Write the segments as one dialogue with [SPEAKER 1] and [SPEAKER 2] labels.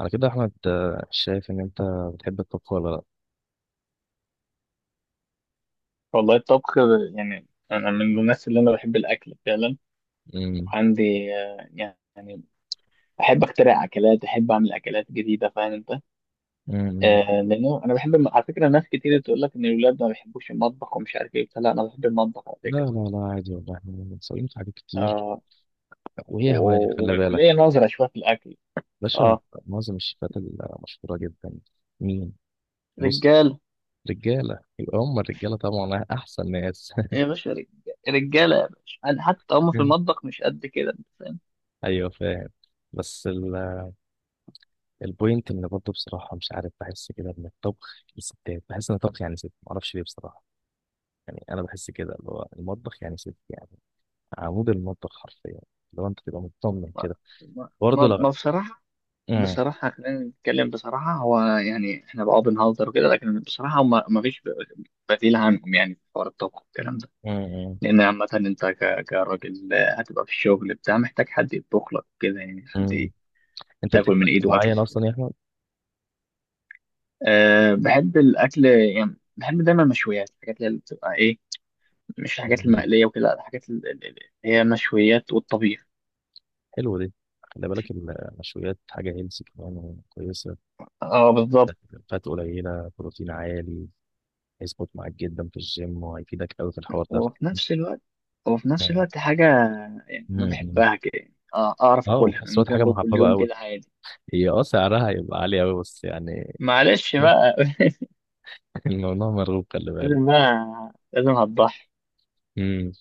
[SPEAKER 1] على كده يا احمد، شايف ان انت بتحب الطبخ ولا لا؟
[SPEAKER 2] والله الطبخ يعني أنا من الناس اللي أنا بحب الأكل فعلا.
[SPEAKER 1] امم،
[SPEAKER 2] وعندي يعني أحب أخترع أكلات، أحب أعمل أكلات جديدة، فاهم أنت؟
[SPEAKER 1] امم.
[SPEAKER 2] آه، لأنه أنا بحب على فكرة ناس كتير تقول لك إن الولاد ما بيحبوش المطبخ ومش عارف إيه. لا، أنا بحب المطبخ على
[SPEAKER 1] لا
[SPEAKER 2] فكرة.
[SPEAKER 1] لا لا، عادي والله احنا متساويين في حاجات كتير.
[SPEAKER 2] آه،
[SPEAKER 1] وهي هواية، خلي بالك.
[SPEAKER 2] وليا نظرة شوية في الأكل.
[SPEAKER 1] باشا.
[SPEAKER 2] آه،
[SPEAKER 1] معظم الشيفات المشهورة جدا. مين؟ بص.
[SPEAKER 2] رجالة
[SPEAKER 1] رجالة، يبقى هم الرجالة طبعا أحسن ناس.
[SPEAKER 2] يا باشا، رجالة يا باشا. أنا حتى هم في المطبخ مش قد كده، أنت فاهم؟
[SPEAKER 1] أيوه فاهم. بس البوينت إن برضه بصراحة مش عارف، بحس كده إن الطبخ للستات، بحس إن الطبخ يعني ست، معرفش ليه بصراحة. يعني أنا بحس كده اللي هو المطبخ يعني ست يعني عمود المطبخ حرفيا، لو أنت تبقى مطمن
[SPEAKER 2] ما
[SPEAKER 1] كده.
[SPEAKER 2] ما
[SPEAKER 1] برضه
[SPEAKER 2] ما ما
[SPEAKER 1] لا.
[SPEAKER 2] بصراحة،
[SPEAKER 1] امم،
[SPEAKER 2] بصراحة خلينا نتكلم بصراحة. هو يعني احنا بقى بنهزر وكده، لكن بصراحة هما ما فيش بديل عنهم يعني في حوار الطبخ والكلام ده.
[SPEAKER 1] امم، امم،
[SPEAKER 2] لأن عامة أنت كراجل هتبقى في الشغل بتاع، محتاج حد يطبخ لك كده، يعني حد
[SPEAKER 1] امم. انت
[SPEAKER 2] تاكل
[SPEAKER 1] بتحب
[SPEAKER 2] من
[SPEAKER 1] اكل
[SPEAKER 2] إيده أكل
[SPEAKER 1] معين
[SPEAKER 2] حلو.
[SPEAKER 1] اصلا يا احمد؟
[SPEAKER 2] أه بحب الأكل، يعني بحب دايما المشويات، الحاجات اللي بتبقى إيه، مش الحاجات
[SPEAKER 1] مم.
[SPEAKER 2] المقلية وكده. لا، الحاجات اللي هي المشويات والطبيخ.
[SPEAKER 1] حلو دي، خلي بالك المشويات حاجه هيلثي كمان كويسه.
[SPEAKER 2] اه بالظبط.
[SPEAKER 1] فات قليله، بروتين عالي، هيظبط معاك جدا في الجيم وهيفيدك قوي في الحوار ده.
[SPEAKER 2] وفي نفس الوقت وفي نفس
[SPEAKER 1] مم.
[SPEAKER 2] الوقت حاجة يعني أنا
[SPEAKER 1] مم.
[SPEAKER 2] بحبها كده يعني. آه، أعرف
[SPEAKER 1] اه، وفي
[SPEAKER 2] أكلها، يعني
[SPEAKER 1] نفس الوقت
[SPEAKER 2] ممكن
[SPEAKER 1] حاجه
[SPEAKER 2] أكل كل
[SPEAKER 1] محببه
[SPEAKER 2] يوم
[SPEAKER 1] قوي.
[SPEAKER 2] كده عادي.
[SPEAKER 1] هي سعرها هيبقى عالي قوي بس يعني.
[SPEAKER 2] معلش بقى.
[SPEAKER 1] الموضوع مرغوب، خلي بالك.
[SPEAKER 2] لازم بقى، لازم هتضحي.
[SPEAKER 1] امم.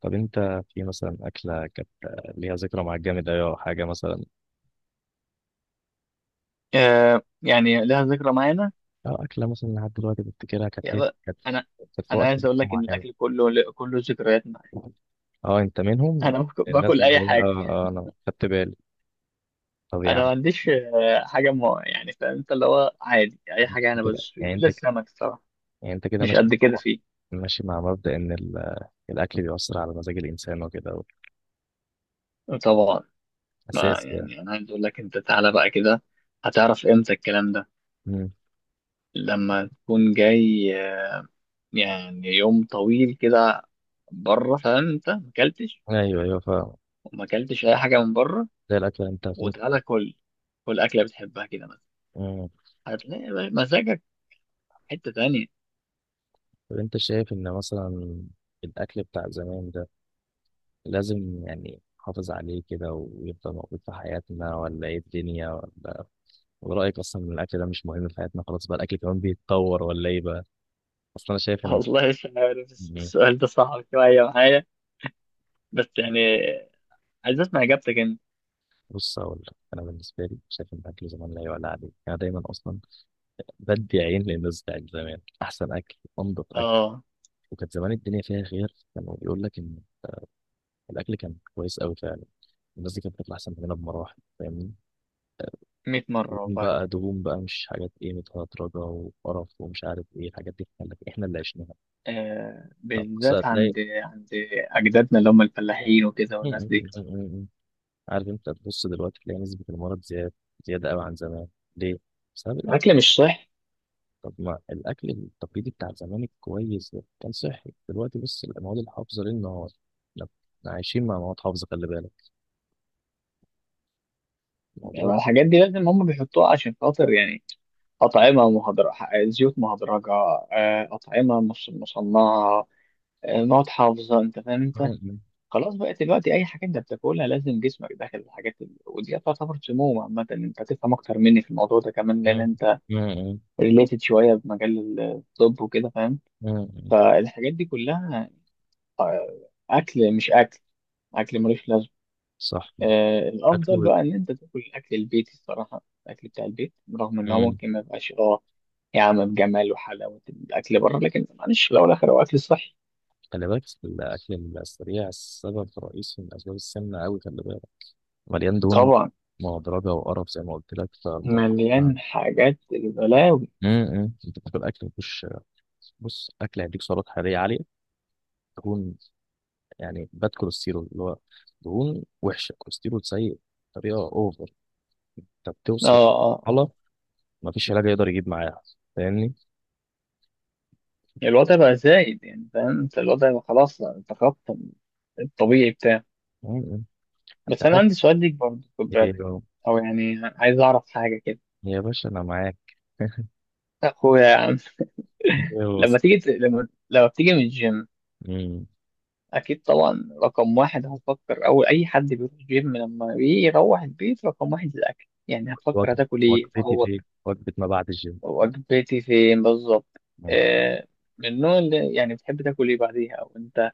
[SPEAKER 1] طب انت في مثلا اكله كانت ليها ذكرى معاك جامد قوي او حاجه مثلا؟
[SPEAKER 2] آه يعني لها ذكرى معانا.
[SPEAKER 1] اه، أكلة مثلا لحد دلوقتي بفتكرها، كانت
[SPEAKER 2] يا
[SPEAKER 1] ليه،
[SPEAKER 2] بقى،
[SPEAKER 1] كانت
[SPEAKER 2] أنا
[SPEAKER 1] كانت في
[SPEAKER 2] أنا
[SPEAKER 1] وقت
[SPEAKER 2] عايز أقول لك إن
[SPEAKER 1] معين.
[SPEAKER 2] الأكل كله كله ذكريات معايا.
[SPEAKER 1] اه انت منهم،
[SPEAKER 2] أنا باكل،
[SPEAKER 1] الناس
[SPEAKER 2] باكل
[SPEAKER 1] اللي
[SPEAKER 2] أي
[SPEAKER 1] هي
[SPEAKER 2] حاجة.
[SPEAKER 1] انا خدت بالي. طب يا
[SPEAKER 2] أنا
[SPEAKER 1] عم،
[SPEAKER 2] ما عنديش حاجة ما، يعني فاهم أنت، اللي هو عادي أي حاجة أنا
[SPEAKER 1] كده
[SPEAKER 2] بدوس فيه
[SPEAKER 1] يعني
[SPEAKER 2] إلا
[SPEAKER 1] انت ك-
[SPEAKER 2] السمك الصراحة.
[SPEAKER 1] يعني انت كده
[SPEAKER 2] مش قد كده
[SPEAKER 1] مع
[SPEAKER 2] فيه.
[SPEAKER 1] ماشي مع مبدأ ان الاكل بيؤثر على مزاج الانسان وكده،
[SPEAKER 2] طبعا. ما
[SPEAKER 1] اساس يعني.
[SPEAKER 2] يعني أنا عايز أقول لك، أنت تعالى بقى كده هتعرف إمتى الكلام ده.
[SPEAKER 1] مم.
[SPEAKER 2] لما تكون جاي يعني يوم طويل كده بره، فانت ما اكلتش
[SPEAKER 1] ايوه ايوه فاهم.
[SPEAKER 2] وما اكلتش اي حاجه من بره،
[SPEAKER 1] زي الاكل انت هتموت.
[SPEAKER 2] وتعالى كل كل اكله بتحبها كده مثلا،
[SPEAKER 1] مم.
[SPEAKER 2] هتلاقي بقى مزاجك في حته تانية.
[SPEAKER 1] طب انت شايف ان مثلا الاكل بتاع زمان ده لازم يعني نحافظ عليه كده ويفضل موجود في حياتنا، ولا ايه الدنيا؟ ولا ورأيك أصلا إن الأكل ده مش مهم في حياتنا، خلاص بقى الأكل كمان بيتطور، ولا إيه بقى؟ أصلا أنا شايف إن،
[SPEAKER 2] والله مش عارف
[SPEAKER 1] يعني،
[SPEAKER 2] السؤال ده صعب شويه معايا، بس يعني عايز اسمع اجابتك انت.
[SPEAKER 1] بص أقول لك، أنا بالنسبة لي شايف إن الأكل زمان لا يعلى عليه. أنا دايما أصلا بدي عين للناس بتاعت زمان، أحسن أكل، أنضف أكل،
[SPEAKER 2] اه
[SPEAKER 1] وكانت زمان الدنيا فيها خير، كانوا يقول لك إن الأكل كان كويس أوي فعلا، الناس دي كانت بتطلع أحسن مننا بمراحل، فاهمني؟
[SPEAKER 2] 100 مره
[SPEAKER 1] دهون
[SPEAKER 2] والله.
[SPEAKER 1] بقى، دهون بقى، مش حاجات إيه متهدرجة وقرف ومش عارف إيه، الحاجات دي إحنا اللي عشناها.
[SPEAKER 2] آه
[SPEAKER 1] فبص
[SPEAKER 2] بالذات
[SPEAKER 1] هتلاقي.
[SPEAKER 2] عند اجدادنا اللي هم الفلاحين وكده، والناس دي.
[SPEAKER 1] عارف انت، تبص دلوقتي تلاقي نسبة المرض زيادة، زيادة قوي عن زمان. ليه؟ بسبب الأكل.
[SPEAKER 2] الاكل مش صح،
[SPEAKER 1] طب ما الأكل التقليدي بتاع زمان الكويس ده كان صحي. دلوقتي بص المواد الحافظة ليل نهار، احنا إحنا عايشين مع مواد حافظة، خلي بالك الموضوع.
[SPEAKER 2] يعني الحاجات دي لازم هم بيحطوها عشان خاطر يعني أطعمة مهدرجة، زيوت مهدرجة، آه، أطعمة مش مصنعة، آه، مواد حافظة، أنت فاهم أنت.
[SPEAKER 1] م-
[SPEAKER 2] خلاص بقى دلوقتي أي حاجة أنت بتاكلها لازم جسمك داخل الحاجات دي، ودي تعتبر سموم. عامة أنت تفهم أكتر مني في الموضوع ده كمان لأن
[SPEAKER 1] م-
[SPEAKER 2] أنت
[SPEAKER 1] م-
[SPEAKER 2] ريليتد شوية بمجال الطب وكده، فاهم.
[SPEAKER 1] م- م-
[SPEAKER 2] فالحاجات دي كلها آه، أكل مش أكل، أكل ملوش لازمة.
[SPEAKER 1] صح.
[SPEAKER 2] آه،
[SPEAKER 1] أكله
[SPEAKER 2] الأفضل
[SPEAKER 1] بت...
[SPEAKER 2] بقى إن أنت تاكل الأكل البيتي، الصراحة الأكل بتاع البيت رغم إن هو
[SPEAKER 1] م.
[SPEAKER 2] ممكن ما يبقاش أه يا عم بجمال وحلاوة الأكل بره، لكن معلش في الأول والآخر هو أكل صحي.
[SPEAKER 1] خلي بالك الأكل السريع السبب الرئيسي من أسباب السمنة أوي، خلي بالك مليان دهون
[SPEAKER 2] طبعا،
[SPEAKER 1] مهدرجة وقرف زي ما قلت لك فالموضوع.
[SPEAKER 2] مليان حاجات البلاوي.
[SPEAKER 1] م. انت بتاكل اكل مفيهوش. بص، اكل هيديك سعرات حراريه عاليه، دهون، يعني باد كوليسترول، اللي هو دهون وحشه، كوليسترول سيء بطريقه اوفر، انت
[SPEAKER 2] اه
[SPEAKER 1] بتوصل
[SPEAKER 2] اه آه.
[SPEAKER 1] مرحله ما فيش علاج يقدر يجيب معاها، فاهمني.
[SPEAKER 2] الوضع بقى زايد يعني، فاهم انت، الوضع بقى خلاص تخطى الطبيعي بتاعه.
[SPEAKER 1] مم. انت
[SPEAKER 2] بس أنا
[SPEAKER 1] عارف
[SPEAKER 2] عندي سؤال ليك برضه، خد
[SPEAKER 1] إيه؟
[SPEAKER 2] بالك، أو يعني عايز أعرف حاجة كده.
[SPEAKER 1] يا باشا انا معاك.
[SPEAKER 2] أخويا يا عم،
[SPEAKER 1] ايه؟
[SPEAKER 2] لما
[SPEAKER 1] بص.
[SPEAKER 2] لما بتيجي من الجيم
[SPEAKER 1] مم.
[SPEAKER 2] أكيد طبعا رقم واحد هتفكر، أول أي حد بيروح جيم لما بيروح البيت رقم واحد الأكل، يعني هتفكر هتاكل إيه،
[SPEAKER 1] وجبتي في إيه؟ وجبه ما بعد الجيم.
[SPEAKER 2] وجبتي فين بالظبط.
[SPEAKER 1] مم.
[SPEAKER 2] آه، من النوع اللي يعني بتحب تاكل ايه بعديها، او انت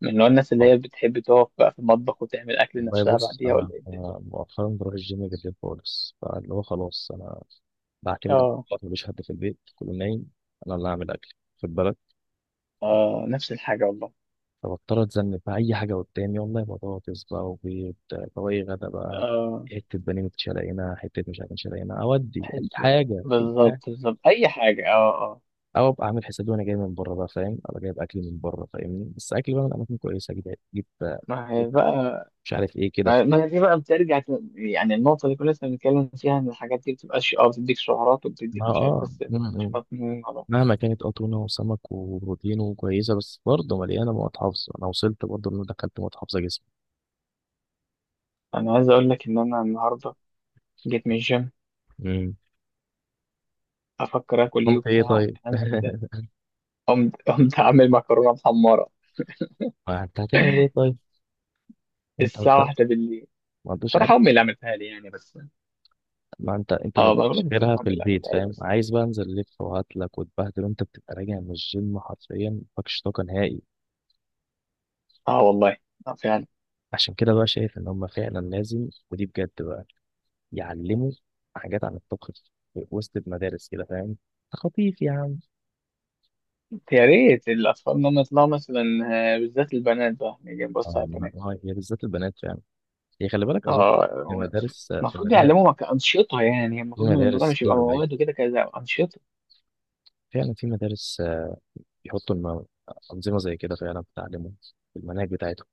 [SPEAKER 2] من نوع الناس اللي
[SPEAKER 1] خالص.
[SPEAKER 2] هي بتحب تقف بقى في المطبخ وتعمل اكل
[SPEAKER 1] والله
[SPEAKER 2] نفسها
[SPEAKER 1] بص
[SPEAKER 2] بعديها، ولا
[SPEAKER 1] انا
[SPEAKER 2] ايه الدنيا.
[SPEAKER 1] أنا مؤخرا بروح الجيم بالليل خالص، فاللي هو خلاص انا بعتمد على
[SPEAKER 2] اه
[SPEAKER 1] الوقت، مفيش حد في البيت، كله نايم، انا اللي هعمل اكل، خد بالك.
[SPEAKER 2] اه، نفس الحاجه والله.
[SPEAKER 1] فبضطر اتذنب في اي حاجه قدامي، والله بطاطس بقى وبيض، طواجي غدا بقى،
[SPEAKER 2] اه
[SPEAKER 1] حته بانيه متشلقينه، حته مش عارف متشلقينه، اودي اي
[SPEAKER 2] حته.
[SPEAKER 1] حاجه، اي
[SPEAKER 2] بالظبط
[SPEAKER 1] حاجه.
[SPEAKER 2] بالظبط اي حاجه اه اه.
[SPEAKER 1] او ابقى اعمل حسابي وانا جاي من بره بقى، فاهم، انا جايب اكل من بره، فاهمني، بس اكل بقى من اماكن كويسه، اجيب، اجيب
[SPEAKER 2] ما هي بقى،
[SPEAKER 1] مش عارف ايه كده.
[SPEAKER 2] ما هي دي بقى بترجع يعني النقطه اللي كنا لسه بنتكلم فيها، ان الحاجات دي بتبقاش اه، بتديك سعرات
[SPEAKER 1] ما
[SPEAKER 2] وبتديك مش عارف،
[SPEAKER 1] اه
[SPEAKER 2] بس
[SPEAKER 1] م-
[SPEAKER 2] مش
[SPEAKER 1] م.
[SPEAKER 2] مضمون على بعض.
[SPEAKER 1] مهما كانت تونه وسمك وبروتين وكويسه، بس برضه مليانه مواد حافظه. انا وصلت برضه ان أنا دخلت مواد حافظه جسمي.
[SPEAKER 2] انا عايز اقول لك ان انا النهارده جيت من الجيم
[SPEAKER 1] امم.
[SPEAKER 2] افكر اكل ايه
[SPEAKER 1] قمت ايه
[SPEAKER 2] وبتاع، قمت
[SPEAKER 1] طيب؟
[SPEAKER 2] عامل، قمت عامل مكرونه محمره
[SPEAKER 1] ما انت هتعمل ايه طيب؟ انت ما
[SPEAKER 2] الساعه
[SPEAKER 1] عندكش.
[SPEAKER 2] واحدة بالليل.
[SPEAKER 1] ما عندوش.
[SPEAKER 2] بصراحه امي اللي عملتها لي يعني، بس
[SPEAKER 1] ما انت انت ما
[SPEAKER 2] اه بقول لك
[SPEAKER 1] غيرها
[SPEAKER 2] بصراحه
[SPEAKER 1] في
[SPEAKER 2] امي اللي
[SPEAKER 1] البيت،
[SPEAKER 2] عملتها لي
[SPEAKER 1] فاهم،
[SPEAKER 2] بس.
[SPEAKER 1] عايز بقى انزل الف وهاتلك وتبهدل، وانت بتبقى راجع من الجيم حرفيا مفيكش طاقه نهائي.
[SPEAKER 2] اه والله، اه فعلا.
[SPEAKER 1] عشان كده بقى شايف ان هم فعلا لازم، ودي بجد بقى، يعلموا حاجات عن الطبخ في وسط المدارس كده، فاهم، خطيف يا عم.
[SPEAKER 2] يا ريت الاطفال انهم يطلعوا مثلا آه، بالذات البنات بقى، نيجي نبص
[SPEAKER 1] اه،
[SPEAKER 2] على
[SPEAKER 1] ما-
[SPEAKER 2] البنات.
[SPEAKER 1] ما هي بالذات البنات فعلا. هي خلي بالك اظن في
[SPEAKER 2] اه
[SPEAKER 1] مدارس، في
[SPEAKER 2] المفروض
[SPEAKER 1] مدارس،
[SPEAKER 2] يعلموا انشطه. يعني
[SPEAKER 1] في
[SPEAKER 2] المفروض إن الموضوع
[SPEAKER 1] مدارس،
[SPEAKER 2] مش يبقى
[SPEAKER 1] ايوه ايوه،
[SPEAKER 2] مواد وكده، كذا انشطه.
[SPEAKER 1] فعلا في مدارس، بيحطوا انظمه زي كده فعلا، بتعلمهم في المناهج بتاعتهم.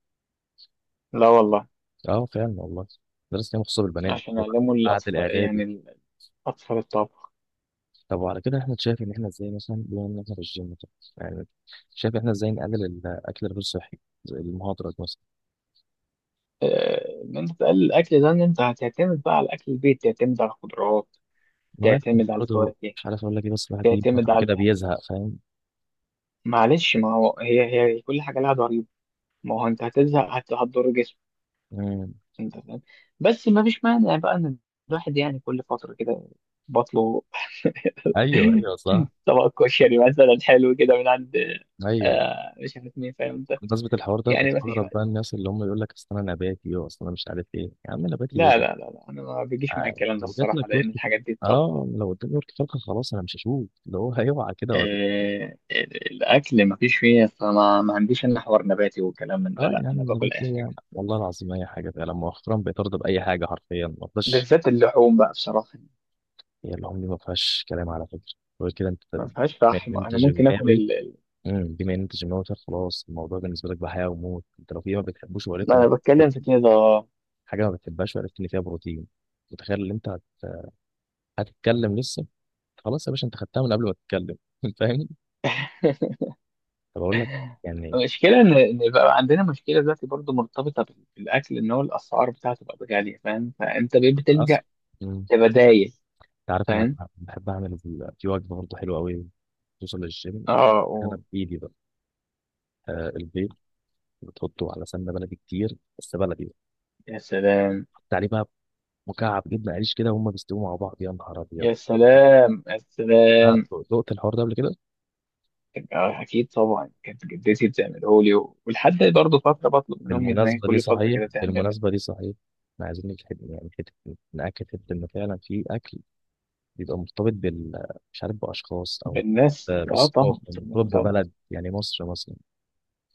[SPEAKER 2] لا والله.
[SPEAKER 1] اه فعلا والله، مدرسة كان مخصوصة بالبنات
[SPEAKER 2] عشان يعلموا
[SPEAKER 1] بعد
[SPEAKER 2] الاطفال
[SPEAKER 1] الإعدادي.
[SPEAKER 2] يعني الاطفال الطبخ.
[SPEAKER 1] طب وعلى كده احنا شايف إن احنا ازاي مثلا، بما إن احنا في الجيم، طب، يعني، شايف احنا ازاي نقلل الأكل الغير صحي، زي المهاضرة مثلا؟
[SPEAKER 2] آه، ان انت تقلل الاكل ده، ان انت هتعتمد بقى على اكل البيت، تعتمد على الخضروات،
[SPEAKER 1] ما هو يعني،
[SPEAKER 2] تعتمد على
[SPEAKER 1] برضه
[SPEAKER 2] الفواكه،
[SPEAKER 1] مش عارف أقول لك إيه، بس الواحد دي
[SPEAKER 2] تعتمد
[SPEAKER 1] فترة
[SPEAKER 2] على.
[SPEAKER 1] كده بيزهق، فاهم.
[SPEAKER 2] معلش ما هو هي، هي كل حاجه لها ضريبه. ما هو انت هتزهق، هتضر جسمك
[SPEAKER 1] مم.
[SPEAKER 2] انت فاهم. بس ما فيش مانع بقى ان الواحد يعني كل فتره كده بطله
[SPEAKER 1] أيوه أيوه صح.
[SPEAKER 2] طبق كشري مثلا حلو كده من عند
[SPEAKER 1] أيوه.
[SPEAKER 2] آه مش عارف مين، فاهم انت.
[SPEAKER 1] بمناسبة الحوار ده،
[SPEAKER 2] يعني ما فيش
[SPEAKER 1] بستغرب
[SPEAKER 2] وقت.
[SPEAKER 1] بقى الناس اللي هم يقول لك أصل أنا نباتي وأصل أنا مش عارف إيه، يا عم نباتي إيه؟
[SPEAKER 2] لا، انا ما بيجيش معايا الكلام ده
[SPEAKER 1] لو جات
[SPEAKER 2] الصراحه،
[SPEAKER 1] لك ورك،
[SPEAKER 2] لان الحاجات دي طب
[SPEAKER 1] اه لو قدامي ورك فرخة، خلاص أنا مش هشوف اللي هو، هيوعى كده.
[SPEAKER 2] آه الاكل ما فيش فيه، فما ما عنديش انا حوار نباتي وكلام من
[SPEAKER 1] اه
[SPEAKER 2] ده.
[SPEAKER 1] يعني
[SPEAKER 2] لا
[SPEAKER 1] أنا
[SPEAKER 2] انا باكل
[SPEAKER 1] النبات،
[SPEAKER 2] اي حاجه،
[SPEAKER 1] هي والله العظيم اي حاجه فعلا، مؤخرا بقيت ارضى باي حاجه حرفيا ما فيهاش.
[SPEAKER 2] بالذات اللحوم بقى بصراحه.
[SPEAKER 1] هي العمر دي ما فيهاش كلام، على فكره. غير كده انت، بما
[SPEAKER 2] ما فيهاش
[SPEAKER 1] ان
[SPEAKER 2] فحم،
[SPEAKER 1] انت
[SPEAKER 2] انا ممكن اكل
[SPEAKER 1] جماوي. امم. بما ان انت جماوي فخلاص الموضوع بالنسبه لك بحياه وموت، انت لو في ما بتحبوش وعرفت ان،
[SPEAKER 2] انا بتكلم
[SPEAKER 1] كنت
[SPEAKER 2] في كده.
[SPEAKER 1] حاجه ما بتحبهاش وعرفت ان فيها بروتين، متخيل ان انت هتتكلم لسه، خلاص يا باشا انت خدتها من قبل ما تتكلم. فاهم. طب اقول لك يعني،
[SPEAKER 2] المشكله ان إن بقى عندنا مشكله دلوقتي برضو مرتبطه بالاكل، ان هو الاسعار بتاعته بقت غاليه، فاهم، فانت بقيت بتلجأ
[SPEAKER 1] اصلا انت
[SPEAKER 2] لبدايل،
[SPEAKER 1] عارف انا
[SPEAKER 2] فاهم.
[SPEAKER 1] بحب اعمل في وجبه برضه حلوه قوي توصل للجيم،
[SPEAKER 2] اه و...
[SPEAKER 1] انا بايدي بقى. البيض بتحطه على سمنه بلدي كتير، بس بلدي،
[SPEAKER 2] يا سلام،
[SPEAKER 1] حط عليه بقى مكعب جبنه قريش كده، وهم بيستووا مع بعض، يا نهار ابيض.
[SPEAKER 2] يا سلام، يا سلام.
[SPEAKER 1] آه، دقت الحوار ده قبل كده؟
[SPEAKER 2] آه، اكيد طبعا كانت جدتي بتعمله لي ولحد برضه فتره بطلب من امي ان هي
[SPEAKER 1] بالمناسبه دي
[SPEAKER 2] كل فتره
[SPEAKER 1] صحيح،
[SPEAKER 2] كده تعمل.
[SPEAKER 1] بالمناسبه دي صحيح، احنا عايزين نجحد يعني حته، ناكد حته ان فعلا في اكل بيبقى مرتبط بال، مش عارف باشخاص او
[SPEAKER 2] بالناس اه
[SPEAKER 1] بالثقافه،
[SPEAKER 2] طبعا طبعا
[SPEAKER 1] مرتبط
[SPEAKER 2] طبعا.
[SPEAKER 1] ببلد يعني مصر مثلا.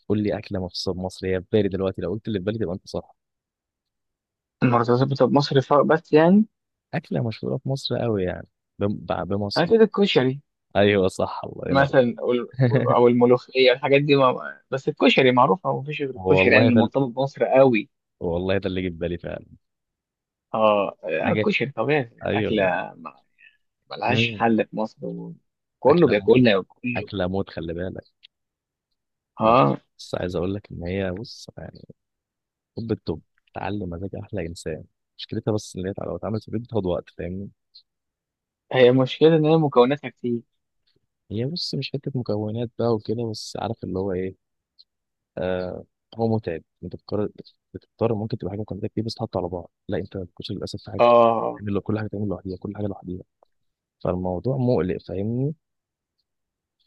[SPEAKER 1] قول لي اكله مخصوصه بمصر هي في بالي دلوقتي، لو قلت اللي في بالي تبقى انت صح.
[SPEAKER 2] المرتبطه بمصر بس يعني
[SPEAKER 1] اكله مشهوره في مصر قوي يعني، بمصر.
[SPEAKER 2] اكيد الكشري
[SPEAKER 1] ايوه صح، الله ينور.
[SPEAKER 2] مثلا، أو أو الملوخية الحاجات دي، ما بس الكشري معروفة ومفيش غير الكشري يعني
[SPEAKER 1] والله
[SPEAKER 2] اللي
[SPEAKER 1] ده،
[SPEAKER 2] مرتبط بمصر قوي.
[SPEAKER 1] والله ده اللي جه في بالي فعلا.
[SPEAKER 2] اه آه،
[SPEAKER 1] حاجه،
[SPEAKER 2] الكشري طبيعي
[SPEAKER 1] ايوه،
[SPEAKER 2] أكلة
[SPEAKER 1] لا.
[SPEAKER 2] ما- ملهاش
[SPEAKER 1] مم.
[SPEAKER 2] حل في مصر، وكله
[SPEAKER 1] اكله موت،
[SPEAKER 2] بياكلها وكله.
[SPEAKER 1] اكله موت، خلي بالك. ما-.
[SPEAKER 2] اه
[SPEAKER 1] بس عايز اقول لك ان هي بص يعني، طب الطب، تعلم مزاج احلى انسان. مشكلتها بس ان هي لو اتعملت في البيت بتاخد وقت، فاهمني.
[SPEAKER 2] هي مشكلة إن هي مكوناتها كتير.
[SPEAKER 1] هي بص مش حته مكونات بقى وكده، بس عارف اللي هو ايه، آه هو متعب، انت بتقرر، بتضطر ممكن تبقى حاجه مكونات كتير بس تحط على بعض. لا انت الكشري للاسف في حاجه
[SPEAKER 2] اه
[SPEAKER 1] تعمل كل حاجه تعمل لوحديها، كل حاجه لوحديها، فالموضوع مقلق، فاهمني.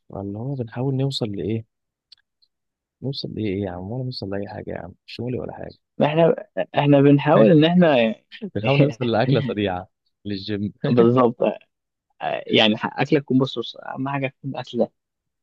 [SPEAKER 1] فاللي هو بنحاول نوصل لايه؟ نوصل لإيه يا عم؟ ولا نوصل لأي حاجة يا عم، مش مولي ولا حاجة.
[SPEAKER 2] احنا احنا بنحاول إن احنا
[SPEAKER 1] بنحاول نوصل لأكلة سريعة للجيم.
[SPEAKER 2] بالظبط. آه، يعني أكلة تكون، بص بص، أهم حاجة تكون أكلة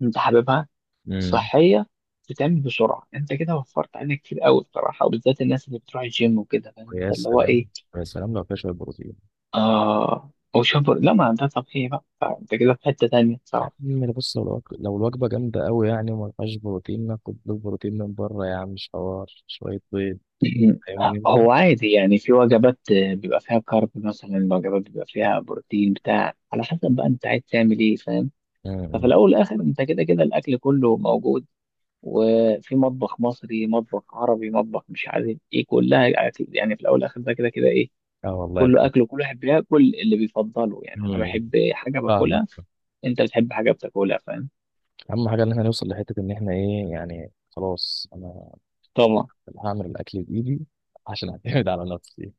[SPEAKER 2] أنت حاببها،
[SPEAKER 1] امم.
[SPEAKER 2] صحية، تتعمل بسرعة. انت كده وفرت علينا كتير قوي بصراحة، وبالذات الناس اللي بتروح الجيم وكده، فاهم
[SPEAKER 1] ويا
[SPEAKER 2] انت، اللي هو
[SPEAKER 1] سلام،
[SPEAKER 2] ايه.
[SPEAKER 1] يا سلام لو فيها شوية بروتين.
[SPEAKER 2] اه هو شبر، لا ما ده طبيعي بقى، فانت كده في حتة تانية
[SPEAKER 1] يا
[SPEAKER 2] بصراحة.
[SPEAKER 1] عم بص، لو الوجبة، لو الوجبة جامدة أوي يعني وما فيهاش بروتين، ناخد له بروتين من بره يا عم، مش حوار شوية بيض،
[SPEAKER 2] م-
[SPEAKER 1] فاهمني أنت؟
[SPEAKER 2] هو عادي يعني، في وجبات آه، بيبقى فيها كارب مثلا، وجبات بيبقى فيها بروتين بتاع، على حسب بقى انت عايز تعمل ايه، فاهم. ففي
[SPEAKER 1] امم.
[SPEAKER 2] الاول والاخر انت كده كده الاكل كله موجود، وفي مطبخ مصري، مطبخ عربي، مطبخ مش عارف ايه، كلها اكل يعني. في الاول والاخر ده كده كده ايه،
[SPEAKER 1] اه والله
[SPEAKER 2] كله
[SPEAKER 1] بجد.
[SPEAKER 2] اكل، وكل واحد بياكل اللي بيفضله. يعني انا
[SPEAKER 1] امم.
[SPEAKER 2] بحب حاجه
[SPEAKER 1] فاهمك.
[SPEAKER 2] باكلها، انت بتحب حاجه بتاكلها، فاهم.
[SPEAKER 1] أهم حاجة إن احنا نوصل لحتة إن احنا إيه يعني، خلاص أنا
[SPEAKER 2] طبعا.
[SPEAKER 1] هعمل الأكل بإيدي عشان أعتمد على نفسي.